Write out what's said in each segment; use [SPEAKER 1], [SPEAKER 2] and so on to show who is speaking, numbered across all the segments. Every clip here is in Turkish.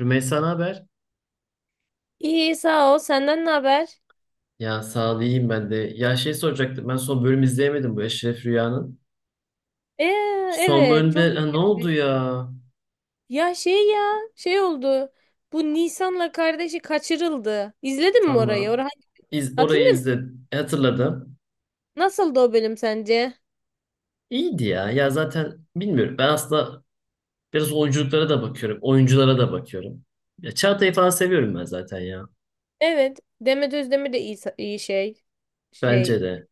[SPEAKER 1] Rümeysa, ne haber?
[SPEAKER 2] İyi sağ ol. Senden ne haber?
[SPEAKER 1] Ya sağ ol, iyiyim ben de. Ya şey, soracaktım, ben son bölüm izleyemedim bu Eşref Rüya'nın.
[SPEAKER 2] Ee,
[SPEAKER 1] Son
[SPEAKER 2] evet çok
[SPEAKER 1] bölümde ha, ne oldu
[SPEAKER 2] iyi.
[SPEAKER 1] ya?
[SPEAKER 2] Ya şey ya şey oldu. Bu Nisan'la kardeşi kaçırıldı. İzledin mi orayı?
[SPEAKER 1] Tamam.
[SPEAKER 2] Orayı
[SPEAKER 1] Orayı
[SPEAKER 2] hatırlıyor musun?
[SPEAKER 1] izledim. Hatırladım.
[SPEAKER 2] Nasıldı o bölüm sence?
[SPEAKER 1] İyiydi ya. Ya zaten bilmiyorum. Ben aslında biraz oyunculuklara da bakıyorum. Oyunculara da bakıyorum. Ya Çağatay'ı falan seviyorum ben zaten ya.
[SPEAKER 2] Evet. Demet Özdemir de iyi, iyi şey. Şey
[SPEAKER 1] Bence de.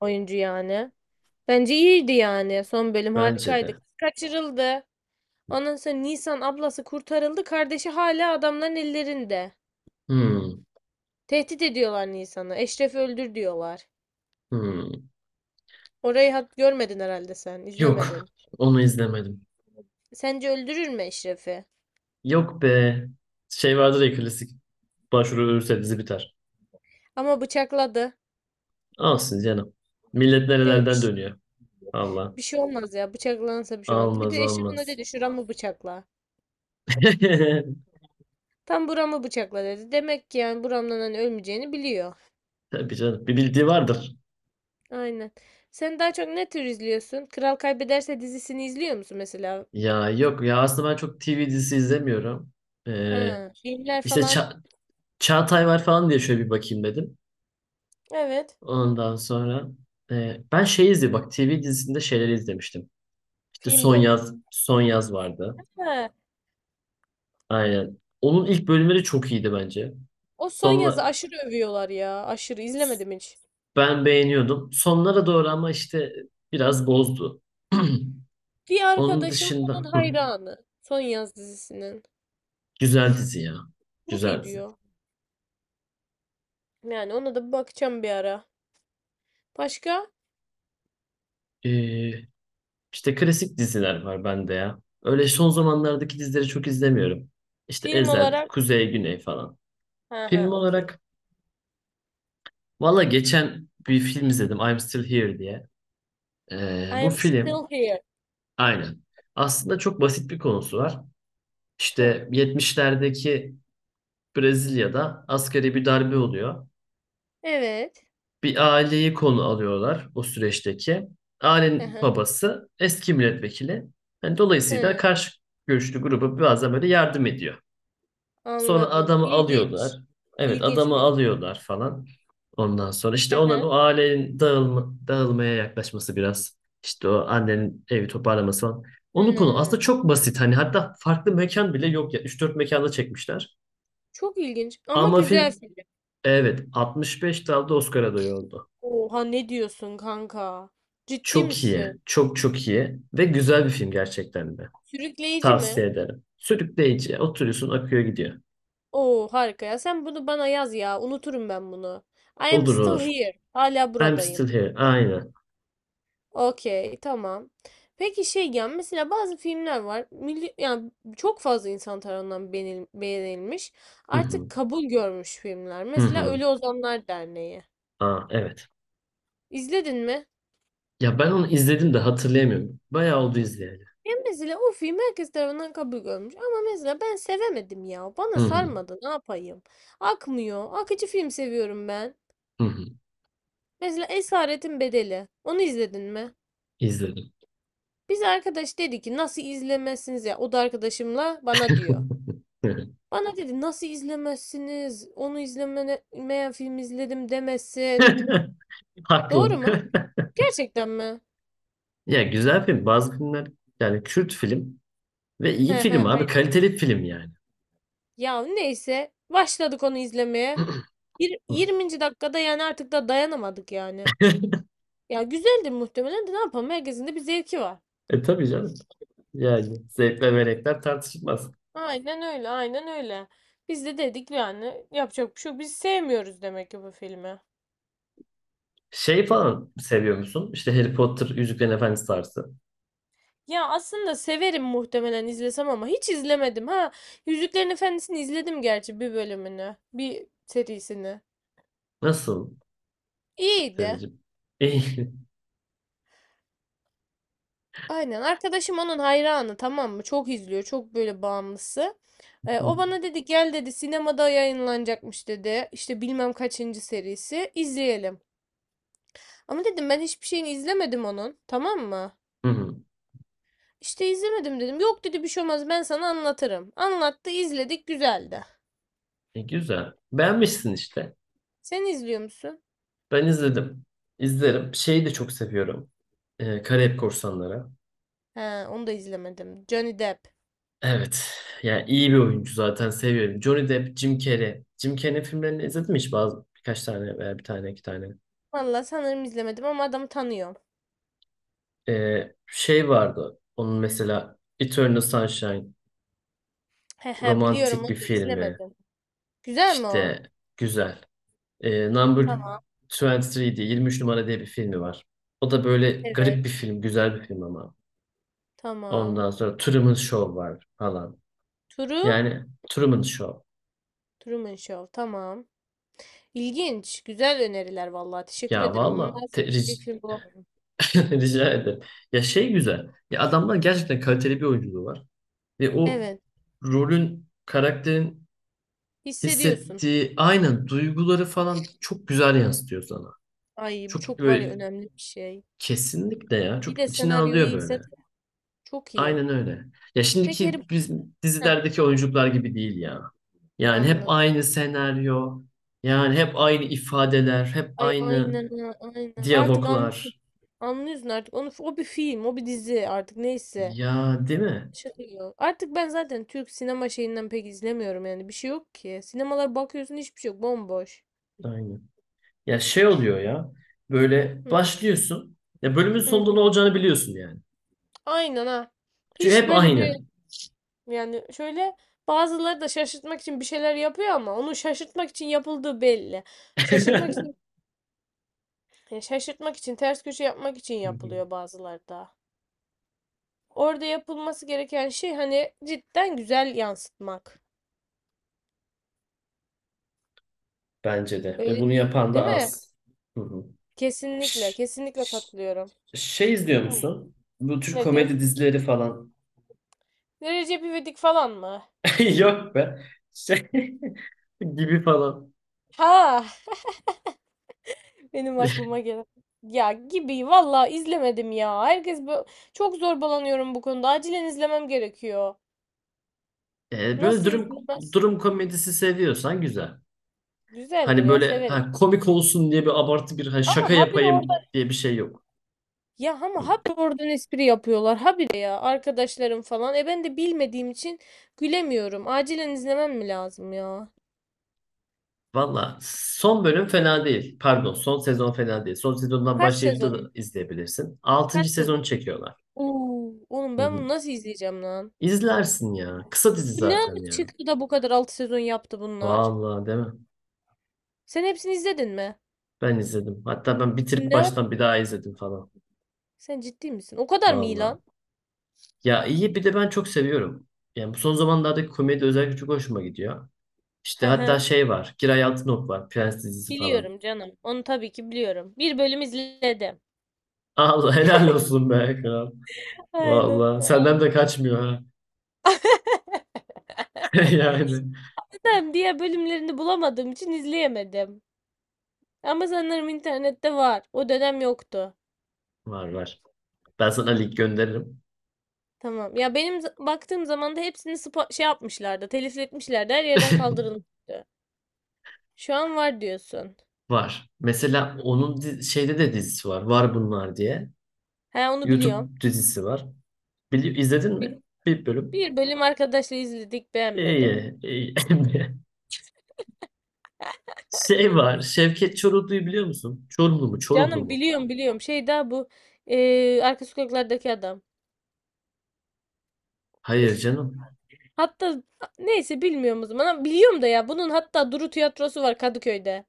[SPEAKER 2] oyuncu yani. Bence iyiydi yani. Son bölüm
[SPEAKER 1] Bence
[SPEAKER 2] harikaydı.
[SPEAKER 1] de.
[SPEAKER 2] Kız kaçırıldı. Ondan sonra Nisan ablası kurtarıldı. Kardeşi hala adamların ellerinde.
[SPEAKER 1] Hmm,
[SPEAKER 2] Tehdit ediyorlar Nisan'ı. Eşref'i öldür diyorlar.
[SPEAKER 1] hmm.
[SPEAKER 2] Orayı hat görmedin herhalde sen,
[SPEAKER 1] Yok.
[SPEAKER 2] izlemedin.
[SPEAKER 1] Onu izlemedim.
[SPEAKER 2] Sence öldürür mü Eşref'i?
[SPEAKER 1] Yok be. Şey vardır ya, klasik. Başvuru ölürse dizi biter.
[SPEAKER 2] Ama bıçakladı.
[SPEAKER 1] Olsun canım. Millet
[SPEAKER 2] Değil mi?
[SPEAKER 1] nerelerden dönüyor. Allah.
[SPEAKER 2] Bir şey olmaz ya. Bıçaklanırsa bir şey olmaz. Bir
[SPEAKER 1] Almaz
[SPEAKER 2] de Eşref'in öyle
[SPEAKER 1] almaz.
[SPEAKER 2] dedi. Şuramı bıçakla. Tam buramı bıçakla dedi. Demek ki yani buramdan hani ölmeyeceğini biliyor.
[SPEAKER 1] Tabii canım. Bir bildiği vardır.
[SPEAKER 2] Aynen. Sen daha çok ne tür izliyorsun? Kral Kaybederse dizisini izliyor musun mesela?
[SPEAKER 1] Ya yok ya, aslında ben çok TV dizisi izlemiyorum. Ee,
[SPEAKER 2] Ha, filmler
[SPEAKER 1] işte
[SPEAKER 2] falan.
[SPEAKER 1] Çağatay var falan diye şöyle bir bakayım dedim.
[SPEAKER 2] Evet.
[SPEAKER 1] Ondan sonra ben şey izledim, bak, TV dizisinde şeyleri izlemiştim. İşte
[SPEAKER 2] Film
[SPEAKER 1] Son
[SPEAKER 2] de olur.
[SPEAKER 1] Yaz, Son Yaz vardı.
[SPEAKER 2] Ha,
[SPEAKER 1] Aynen. Onun ilk bölümleri çok iyiydi bence.
[SPEAKER 2] o son yazı
[SPEAKER 1] Sonla
[SPEAKER 2] aşırı övüyorlar ya. Aşırı izlemedim hiç.
[SPEAKER 1] Ben beğeniyordum. Sonlara doğru ama işte biraz bozdu.
[SPEAKER 2] Bir
[SPEAKER 1] Onun
[SPEAKER 2] arkadaşım
[SPEAKER 1] dışında
[SPEAKER 2] onun hayranı. Son yaz dizisinin.
[SPEAKER 1] güzel dizi ya.
[SPEAKER 2] Çok
[SPEAKER 1] Güzel
[SPEAKER 2] iyi
[SPEAKER 1] dizi.
[SPEAKER 2] diyor. Yani ona da bir bakacağım bir ara. Başka?
[SPEAKER 1] Ee, işte klasik diziler var bende ya. Öyle son zamanlardaki dizileri çok izlemiyorum. İşte
[SPEAKER 2] Film
[SPEAKER 1] Ezel,
[SPEAKER 2] olarak.
[SPEAKER 1] Kuzey, Güney falan.
[SPEAKER 2] Ha ha
[SPEAKER 1] Film
[SPEAKER 2] okey.
[SPEAKER 1] olarak valla, geçen bir film izledim, I'm Still Here diye.
[SPEAKER 2] I
[SPEAKER 1] Bu
[SPEAKER 2] am
[SPEAKER 1] film,
[SPEAKER 2] still here.
[SPEAKER 1] aynen. Aslında çok basit bir konusu var.
[SPEAKER 2] Hmm.
[SPEAKER 1] İşte 70'lerdeki Brezilya'da asgari bir darbe oluyor.
[SPEAKER 2] Evet.
[SPEAKER 1] Bir aileyi konu alıyorlar, o süreçteki.
[SPEAKER 2] Hı
[SPEAKER 1] Ailenin
[SPEAKER 2] hı.
[SPEAKER 1] babası eski milletvekili. Yani dolayısıyla
[SPEAKER 2] Hı,
[SPEAKER 1] karşı görüşlü gruba bazen böyle yardım ediyor. Sonra
[SPEAKER 2] anladım.
[SPEAKER 1] adamı alıyorlar.
[SPEAKER 2] İlginç.
[SPEAKER 1] Evet,
[SPEAKER 2] İlginç
[SPEAKER 1] adamı
[SPEAKER 2] bir.
[SPEAKER 1] alıyorlar falan. Ondan sonra işte
[SPEAKER 2] Hı
[SPEAKER 1] onların, o
[SPEAKER 2] hı.
[SPEAKER 1] ailenin dağılmaya yaklaşması biraz. İşte o annenin evi toparlaması falan. Onun konu
[SPEAKER 2] Hı.
[SPEAKER 1] aslında çok basit. Hani hatta farklı mekan bile yok ya. Üç dört mekanda çekmişler.
[SPEAKER 2] Çok ilginç ama
[SPEAKER 1] Ama
[SPEAKER 2] güzel
[SPEAKER 1] film,
[SPEAKER 2] film.
[SPEAKER 1] evet, 65 dalda Oscar adayı oldu.
[SPEAKER 2] Oha ne diyorsun kanka? Ciddi
[SPEAKER 1] Çok iyi.
[SPEAKER 2] misin?
[SPEAKER 1] Çok çok iyi. Ve güzel bir film gerçekten de.
[SPEAKER 2] Sürükleyici mi?
[SPEAKER 1] Tavsiye ederim. Sürükleyici. Oturuyorsun, akıyor gidiyor.
[SPEAKER 2] Oo harika ya. Sen bunu bana yaz ya. Unuturum ben bunu. I am
[SPEAKER 1] Olur
[SPEAKER 2] still
[SPEAKER 1] olur.
[SPEAKER 2] here. Hala
[SPEAKER 1] I'm still
[SPEAKER 2] buradayım.
[SPEAKER 1] here. Aynen.
[SPEAKER 2] Okey, tamam. Peki şey ya mesela bazı filmler var. Milli, yani çok fazla insan tarafından beğenilmiş.
[SPEAKER 1] Hı
[SPEAKER 2] Artık
[SPEAKER 1] hı.
[SPEAKER 2] kabul görmüş filmler.
[SPEAKER 1] Hı
[SPEAKER 2] Mesela
[SPEAKER 1] hı.
[SPEAKER 2] Ölü Ozanlar Derneği.
[SPEAKER 1] Aa, evet.
[SPEAKER 2] İzledin mi?
[SPEAKER 1] Ya ben onu izledim de hatırlayamıyorum. Bayağı oldu izleyeli.
[SPEAKER 2] Ya mesela o film herkes tarafından kabul görmüş. Ama mesela ben sevemedim ya.
[SPEAKER 1] Hı
[SPEAKER 2] Bana
[SPEAKER 1] hı.
[SPEAKER 2] sarmadı. Ne yapayım? Akmıyor. Akıcı film seviyorum ben.
[SPEAKER 1] Hı hı.
[SPEAKER 2] Mesela Esaretin Bedeli. Onu izledin mi?
[SPEAKER 1] İzledim.
[SPEAKER 2] Biz arkadaş dedi ki nasıl izlemezsiniz ya? O da arkadaşımla bana diyor. Bana dedi nasıl izlemezsiniz? Onu izlemeyen film izledim demesin.
[SPEAKER 1] Haklı.
[SPEAKER 2] Doğru mu? Gerçekten mi?
[SPEAKER 1] Ya güzel film. Bazı filmler, yani Kürt film ve
[SPEAKER 2] He
[SPEAKER 1] iyi
[SPEAKER 2] he
[SPEAKER 1] film abi.
[SPEAKER 2] aynen.
[SPEAKER 1] Kaliteli film yani.
[SPEAKER 2] Ya neyse başladık onu izlemeye. 20. dakikada yani artık da dayanamadık yani. Ya güzeldi muhtemelen de ne yapalım herkesin de bir zevki var.
[SPEAKER 1] E tabii canım. Yani zevkler ve renkler tartışılmaz.
[SPEAKER 2] Aynen öyle, aynen öyle. Biz de dedik yani yapacak bir şey yok. Biz sevmiyoruz demek ki bu filmi.
[SPEAKER 1] Şey falan seviyor musun? İşte Harry Potter, Yüzüklerin Efendisi tarzı.
[SPEAKER 2] Ya aslında severim muhtemelen izlesem ama hiç izlemedim ha. Yüzüklerin Efendisi'ni izledim gerçi bir bölümünü, bir serisini.
[SPEAKER 1] Nasıl
[SPEAKER 2] İyiydi.
[SPEAKER 1] Selin'cim? İyi.
[SPEAKER 2] Aynen. Arkadaşım onun hayranı tamam mı? Çok izliyor. Çok böyle bağımlısı. O bana dedi gel dedi sinemada yayınlanacakmış dedi. İşte bilmem kaçıncı serisi. İzleyelim. Ama dedim ben hiçbir şeyini izlemedim onun. Tamam mı?
[SPEAKER 1] Hı hı.
[SPEAKER 2] İşte izlemedim dedim. Yok dedi bir şey olmaz ben sana anlatırım. Anlattı izledik güzeldi.
[SPEAKER 1] E, güzel. Beğenmişsin işte.
[SPEAKER 2] Sen izliyor musun?
[SPEAKER 1] Ben izledim. İzlerim. Şeyi de çok seviyorum. Karayip Korsanları.
[SPEAKER 2] He, onu da izlemedim. Johnny Depp.
[SPEAKER 1] Evet. Yani iyi bir oyuncu, zaten seviyorum. Johnny Depp, Jim Carrey. Jim Carrey'in filmlerini izledin mi hiç? Bazı birkaç tane, veya bir tane iki tane.
[SPEAKER 2] Vallahi sanırım izlemedim ama adamı tanıyorum.
[SPEAKER 1] Şey vardı. Onun mesela Eternal Sunshine.
[SPEAKER 2] He he biliyorum
[SPEAKER 1] Romantik bir
[SPEAKER 2] onu da
[SPEAKER 1] filmi.
[SPEAKER 2] izlemedim. Güzel mi o?
[SPEAKER 1] İşte güzel. E, Number
[SPEAKER 2] Tamam.
[SPEAKER 1] 23 diye, 23 numara diye bir filmi var. O da böyle
[SPEAKER 2] Evet.
[SPEAKER 1] garip bir film, güzel bir film ama.
[SPEAKER 2] Tamam.
[SPEAKER 1] Ondan sonra Truman Show var falan.
[SPEAKER 2] Turu?
[SPEAKER 1] Yani Truman Show.
[SPEAKER 2] Truman Show. Tamam. İlginç. Güzel öneriler vallahi. Teşekkür
[SPEAKER 1] Ya
[SPEAKER 2] ederim.
[SPEAKER 1] valla te-
[SPEAKER 2] Maalesef izleyecek
[SPEAKER 1] ric-
[SPEAKER 2] film bulamıyorum.
[SPEAKER 1] Rica ederim. Ya şey, güzel. Ya adamlar gerçekten kaliteli bir oyunculuğu var. Ve o
[SPEAKER 2] Evet.
[SPEAKER 1] rolün, karakterin
[SPEAKER 2] Hissediyorsun.
[SPEAKER 1] hissettiği aynen duyguları falan çok güzel yansıtıyor sana.
[SPEAKER 2] Ay bu
[SPEAKER 1] Çok
[SPEAKER 2] çok var ya
[SPEAKER 1] böyle,
[SPEAKER 2] önemli bir şey.
[SPEAKER 1] kesinlikle ya.
[SPEAKER 2] Bir
[SPEAKER 1] Çok
[SPEAKER 2] de
[SPEAKER 1] içine
[SPEAKER 2] senaryo
[SPEAKER 1] alıyor
[SPEAKER 2] iyiyse
[SPEAKER 1] böyle.
[SPEAKER 2] çok iyi.
[SPEAKER 1] Aynen öyle. Ya
[SPEAKER 2] Peki
[SPEAKER 1] şimdiki
[SPEAKER 2] Harry.
[SPEAKER 1] biz
[SPEAKER 2] Heh,
[SPEAKER 1] dizilerdeki oyuncular gibi değil ya. Yani hep
[SPEAKER 2] anladım.
[SPEAKER 1] aynı senaryo, yani hep aynı ifadeler, hep
[SPEAKER 2] Ay
[SPEAKER 1] aynı
[SPEAKER 2] aynen ha, aynen. Artık anlıyorum.
[SPEAKER 1] diyaloglar.
[SPEAKER 2] Anlıyorsun artık. Onu, o bir film, o bir dizi artık neyse.
[SPEAKER 1] Ya değil mi?
[SPEAKER 2] Şaka gibi. Artık ben zaten Türk sinema şeyinden pek izlemiyorum yani. Bir şey yok ki. Sinemalara bakıyorsun hiçbir şey yok. Bomboş.
[SPEAKER 1] Aynen. Ya şey oluyor ya. Böyle
[SPEAKER 2] Hı,
[SPEAKER 1] başlıyorsun. Ya bölümün
[SPEAKER 2] hı,
[SPEAKER 1] sonunda
[SPEAKER 2] hı.
[SPEAKER 1] ne olacağını biliyorsun yani.
[SPEAKER 2] Aynen ha.
[SPEAKER 1] Çünkü
[SPEAKER 2] Hiç
[SPEAKER 1] hep
[SPEAKER 2] böyle bir,
[SPEAKER 1] aynı.
[SPEAKER 2] yani şöyle, bazıları da şaşırtmak için bir şeyler yapıyor ama onu şaşırtmak için yapıldığı belli. Şaşırtmak için, ya şaşırtmak için ters köşe yapmak için
[SPEAKER 1] Hı hı.
[SPEAKER 2] yapılıyor bazıları da. Orada yapılması gereken şey hani cidden güzel yansıtmak.
[SPEAKER 1] Bence de. Ve
[SPEAKER 2] Öyle
[SPEAKER 1] bunu yapan da
[SPEAKER 2] değil mi?
[SPEAKER 1] az. Hı hı.
[SPEAKER 2] Kesinlikle,
[SPEAKER 1] Ş-
[SPEAKER 2] kesinlikle
[SPEAKER 1] ş-
[SPEAKER 2] katılıyorum.
[SPEAKER 1] Şey izliyor
[SPEAKER 2] Hı.
[SPEAKER 1] musun? Bu Türk
[SPEAKER 2] Nedir?
[SPEAKER 1] komedi dizileri falan.
[SPEAKER 2] Ne Recep İvedik falan mı?
[SPEAKER 1] Yok be. Şey, gibi falan.
[SPEAKER 2] Ha, benim aklıma gelen. Ya gibi valla izlemedim ya. Herkes bu çok zorbalanıyorum bu konuda. Acilen izlemem gerekiyor.
[SPEAKER 1] Böyle
[SPEAKER 2] Nasıl izlemez?
[SPEAKER 1] durum komedisi seviyorsan güzel.
[SPEAKER 2] Güzeldir
[SPEAKER 1] Hani
[SPEAKER 2] ya
[SPEAKER 1] böyle
[SPEAKER 2] severim.
[SPEAKER 1] ha, komik olsun diye bir abartı, bir ha, şaka
[SPEAKER 2] Ama habire orada,
[SPEAKER 1] yapayım diye bir şey yok.
[SPEAKER 2] ya ama
[SPEAKER 1] Hı.
[SPEAKER 2] habire oradan espri yapıyorlar. Habire ya arkadaşlarım falan. E ben de bilmediğim için gülemiyorum. Acilen izlemem mi lazım ya?
[SPEAKER 1] Valla son bölüm fena değil. Pardon, son sezon fena değil. Son sezondan
[SPEAKER 2] Kaç
[SPEAKER 1] başlayıp da
[SPEAKER 2] sezon?
[SPEAKER 1] izleyebilirsin. Altıncı
[SPEAKER 2] Kaç sezon?
[SPEAKER 1] sezon çekiyorlar.
[SPEAKER 2] Oo, oğlum
[SPEAKER 1] Hı
[SPEAKER 2] ben
[SPEAKER 1] hı.
[SPEAKER 2] bunu nasıl izleyeceğim lan?
[SPEAKER 1] İzlersin ya. Kısa dizi
[SPEAKER 2] Bu ne
[SPEAKER 1] zaten
[SPEAKER 2] ara
[SPEAKER 1] ya.
[SPEAKER 2] çıktı da bu kadar 6 sezon yaptı bunlar?
[SPEAKER 1] Valla değil mi?
[SPEAKER 2] Sen hepsini izledin mi?
[SPEAKER 1] Ben izledim. Hatta ben bitirip
[SPEAKER 2] Ne
[SPEAKER 1] baştan bir daha izledim falan.
[SPEAKER 2] Sen ciddi misin? O kadar mı iyi
[SPEAKER 1] Valla.
[SPEAKER 2] lan?
[SPEAKER 1] Ya iyi, bir de ben çok seviyorum. Yani bu son zamanlardaki komedi özellikle çok hoşuma gidiyor. İşte
[SPEAKER 2] Hı
[SPEAKER 1] hatta
[SPEAKER 2] hı.
[SPEAKER 1] şey var. Giray Altınok var. Prens dizisi falan.
[SPEAKER 2] Biliyorum canım. Onu tabii ki biliyorum. Bir bölüm izledim.
[SPEAKER 1] Allah helal olsun be kral.
[SPEAKER 2] Aynen.
[SPEAKER 1] Vallahi senden
[SPEAKER 2] Tamam.
[SPEAKER 1] de kaçmıyor ha. Yani
[SPEAKER 2] Neden? Diğer bölümlerini bulamadığım için izleyemedim. Ama sanırım internette var. O dönem yoktu.
[SPEAKER 1] var var. Ben sana link gönderirim.
[SPEAKER 2] Tamam. Ya benim baktığım zaman da hepsini şey yapmışlardı. Telif etmişlerdi. Her yerden kaldırılmıştı. Şu an var diyorsun.
[SPEAKER 1] Var. Mesela onun şeyde de dizisi var. Var bunlar diye.
[SPEAKER 2] He onu biliyorum.
[SPEAKER 1] YouTube dizisi var. Bili izledin
[SPEAKER 2] Bi-
[SPEAKER 1] mi? Bir bölüm.
[SPEAKER 2] Bir bölüm arkadaşla izledik beğenmedim.
[SPEAKER 1] İyi, iyi. Şey var. Şevket Çoruhlu'yu biliyor musun? Çorumlu mu? Çoruhlu
[SPEAKER 2] Canım
[SPEAKER 1] mu?
[SPEAKER 2] biliyorum, biliyorum. Şey daha bu arka sokaklardaki adam.
[SPEAKER 1] Hayır canım.
[SPEAKER 2] Hatta neyse bilmiyorum o zaman. Ama biliyorum da ya bunun hatta Duru tiyatrosu var Kadıköy'de.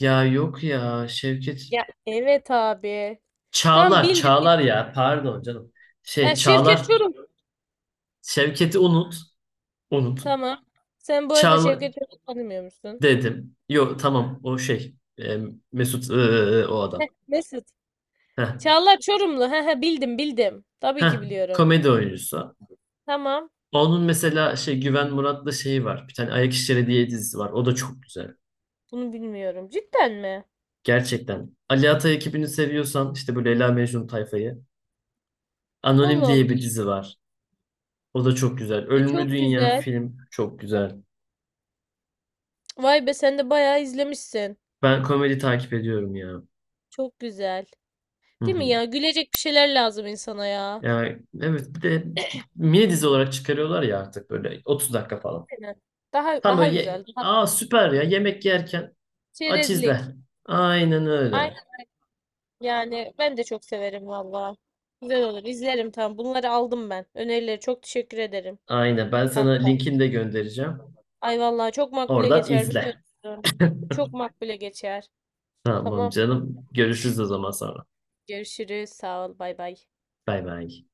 [SPEAKER 1] Ya yok ya Şevket.
[SPEAKER 2] Ya evet abi. Tam
[SPEAKER 1] Çağlar,
[SPEAKER 2] bildim,
[SPEAKER 1] Çağlar
[SPEAKER 2] bildim.
[SPEAKER 1] ya. Pardon canım. Şey
[SPEAKER 2] Ha Şevket
[SPEAKER 1] Çağlar,
[SPEAKER 2] Çoruh.
[SPEAKER 1] Şevket'i unut. Unut.
[SPEAKER 2] Tamam. Sen bu arada
[SPEAKER 1] Çağlar
[SPEAKER 2] Şevket Çoruh'u tanımıyor musun?
[SPEAKER 1] dedim. Yok tamam, o şey. e, Mesut, o adam.
[SPEAKER 2] Heh, Mesut.
[SPEAKER 1] Heh.
[SPEAKER 2] Çağlar Çorumlu. He he bildim, bildim. Tabii
[SPEAKER 1] Heh.
[SPEAKER 2] ki biliyorum.
[SPEAKER 1] Komedi oyuncusu.
[SPEAKER 2] Tamam.
[SPEAKER 1] Onun mesela şey Güven Murat'la şeyi var. Bir tane Ayak İşleri diye dizisi var. O da çok güzel.
[SPEAKER 2] Bunu bilmiyorum. Cidden mi?
[SPEAKER 1] Gerçekten. Ali Atay ekibini seviyorsan, işte böyle Leyla Mecnun tayfayı. Anonim
[SPEAKER 2] Allah
[SPEAKER 1] diye
[SPEAKER 2] Allah.
[SPEAKER 1] bir dizi var. O da çok güzel.
[SPEAKER 2] E,
[SPEAKER 1] Ölümlü
[SPEAKER 2] çok
[SPEAKER 1] Dünya
[SPEAKER 2] güzel.
[SPEAKER 1] film çok güzel.
[SPEAKER 2] Vay be sen de bayağı izlemişsin.
[SPEAKER 1] Ben komedi takip ediyorum ya.
[SPEAKER 2] Çok güzel.
[SPEAKER 1] Hı
[SPEAKER 2] Değil mi
[SPEAKER 1] hı.
[SPEAKER 2] ya? Gülecek bir şeyler lazım insana ya.
[SPEAKER 1] Yani evet, bir de mini dizi olarak çıkarıyorlar ya artık, böyle 30 dakika falan.
[SPEAKER 2] Aynen. Daha
[SPEAKER 1] Tam
[SPEAKER 2] daha
[SPEAKER 1] böyle.
[SPEAKER 2] güzel. Daha
[SPEAKER 1] Aa, süper ya, yemek yerken aç
[SPEAKER 2] çerezlik.
[SPEAKER 1] izle. Aynen
[SPEAKER 2] Ay
[SPEAKER 1] öyle.
[SPEAKER 2] yani ben de çok severim valla. Güzel olur. İzlerim tamam. Bunları aldım ben. Önerileri çok teşekkür ederim
[SPEAKER 1] Aynen, ben sana
[SPEAKER 2] kanka.
[SPEAKER 1] linkini de göndereceğim.
[SPEAKER 2] Ay vallahi çok makbule
[SPEAKER 1] Oradan
[SPEAKER 2] geçer
[SPEAKER 1] izle.
[SPEAKER 2] biliyorsun. Çok makbule geçer.
[SPEAKER 1] Tamam
[SPEAKER 2] Tamam.
[SPEAKER 1] canım. Görüşürüz o zaman sonra.
[SPEAKER 2] Görüşürüz. Sağ ol. Bay bay.
[SPEAKER 1] Bay bay.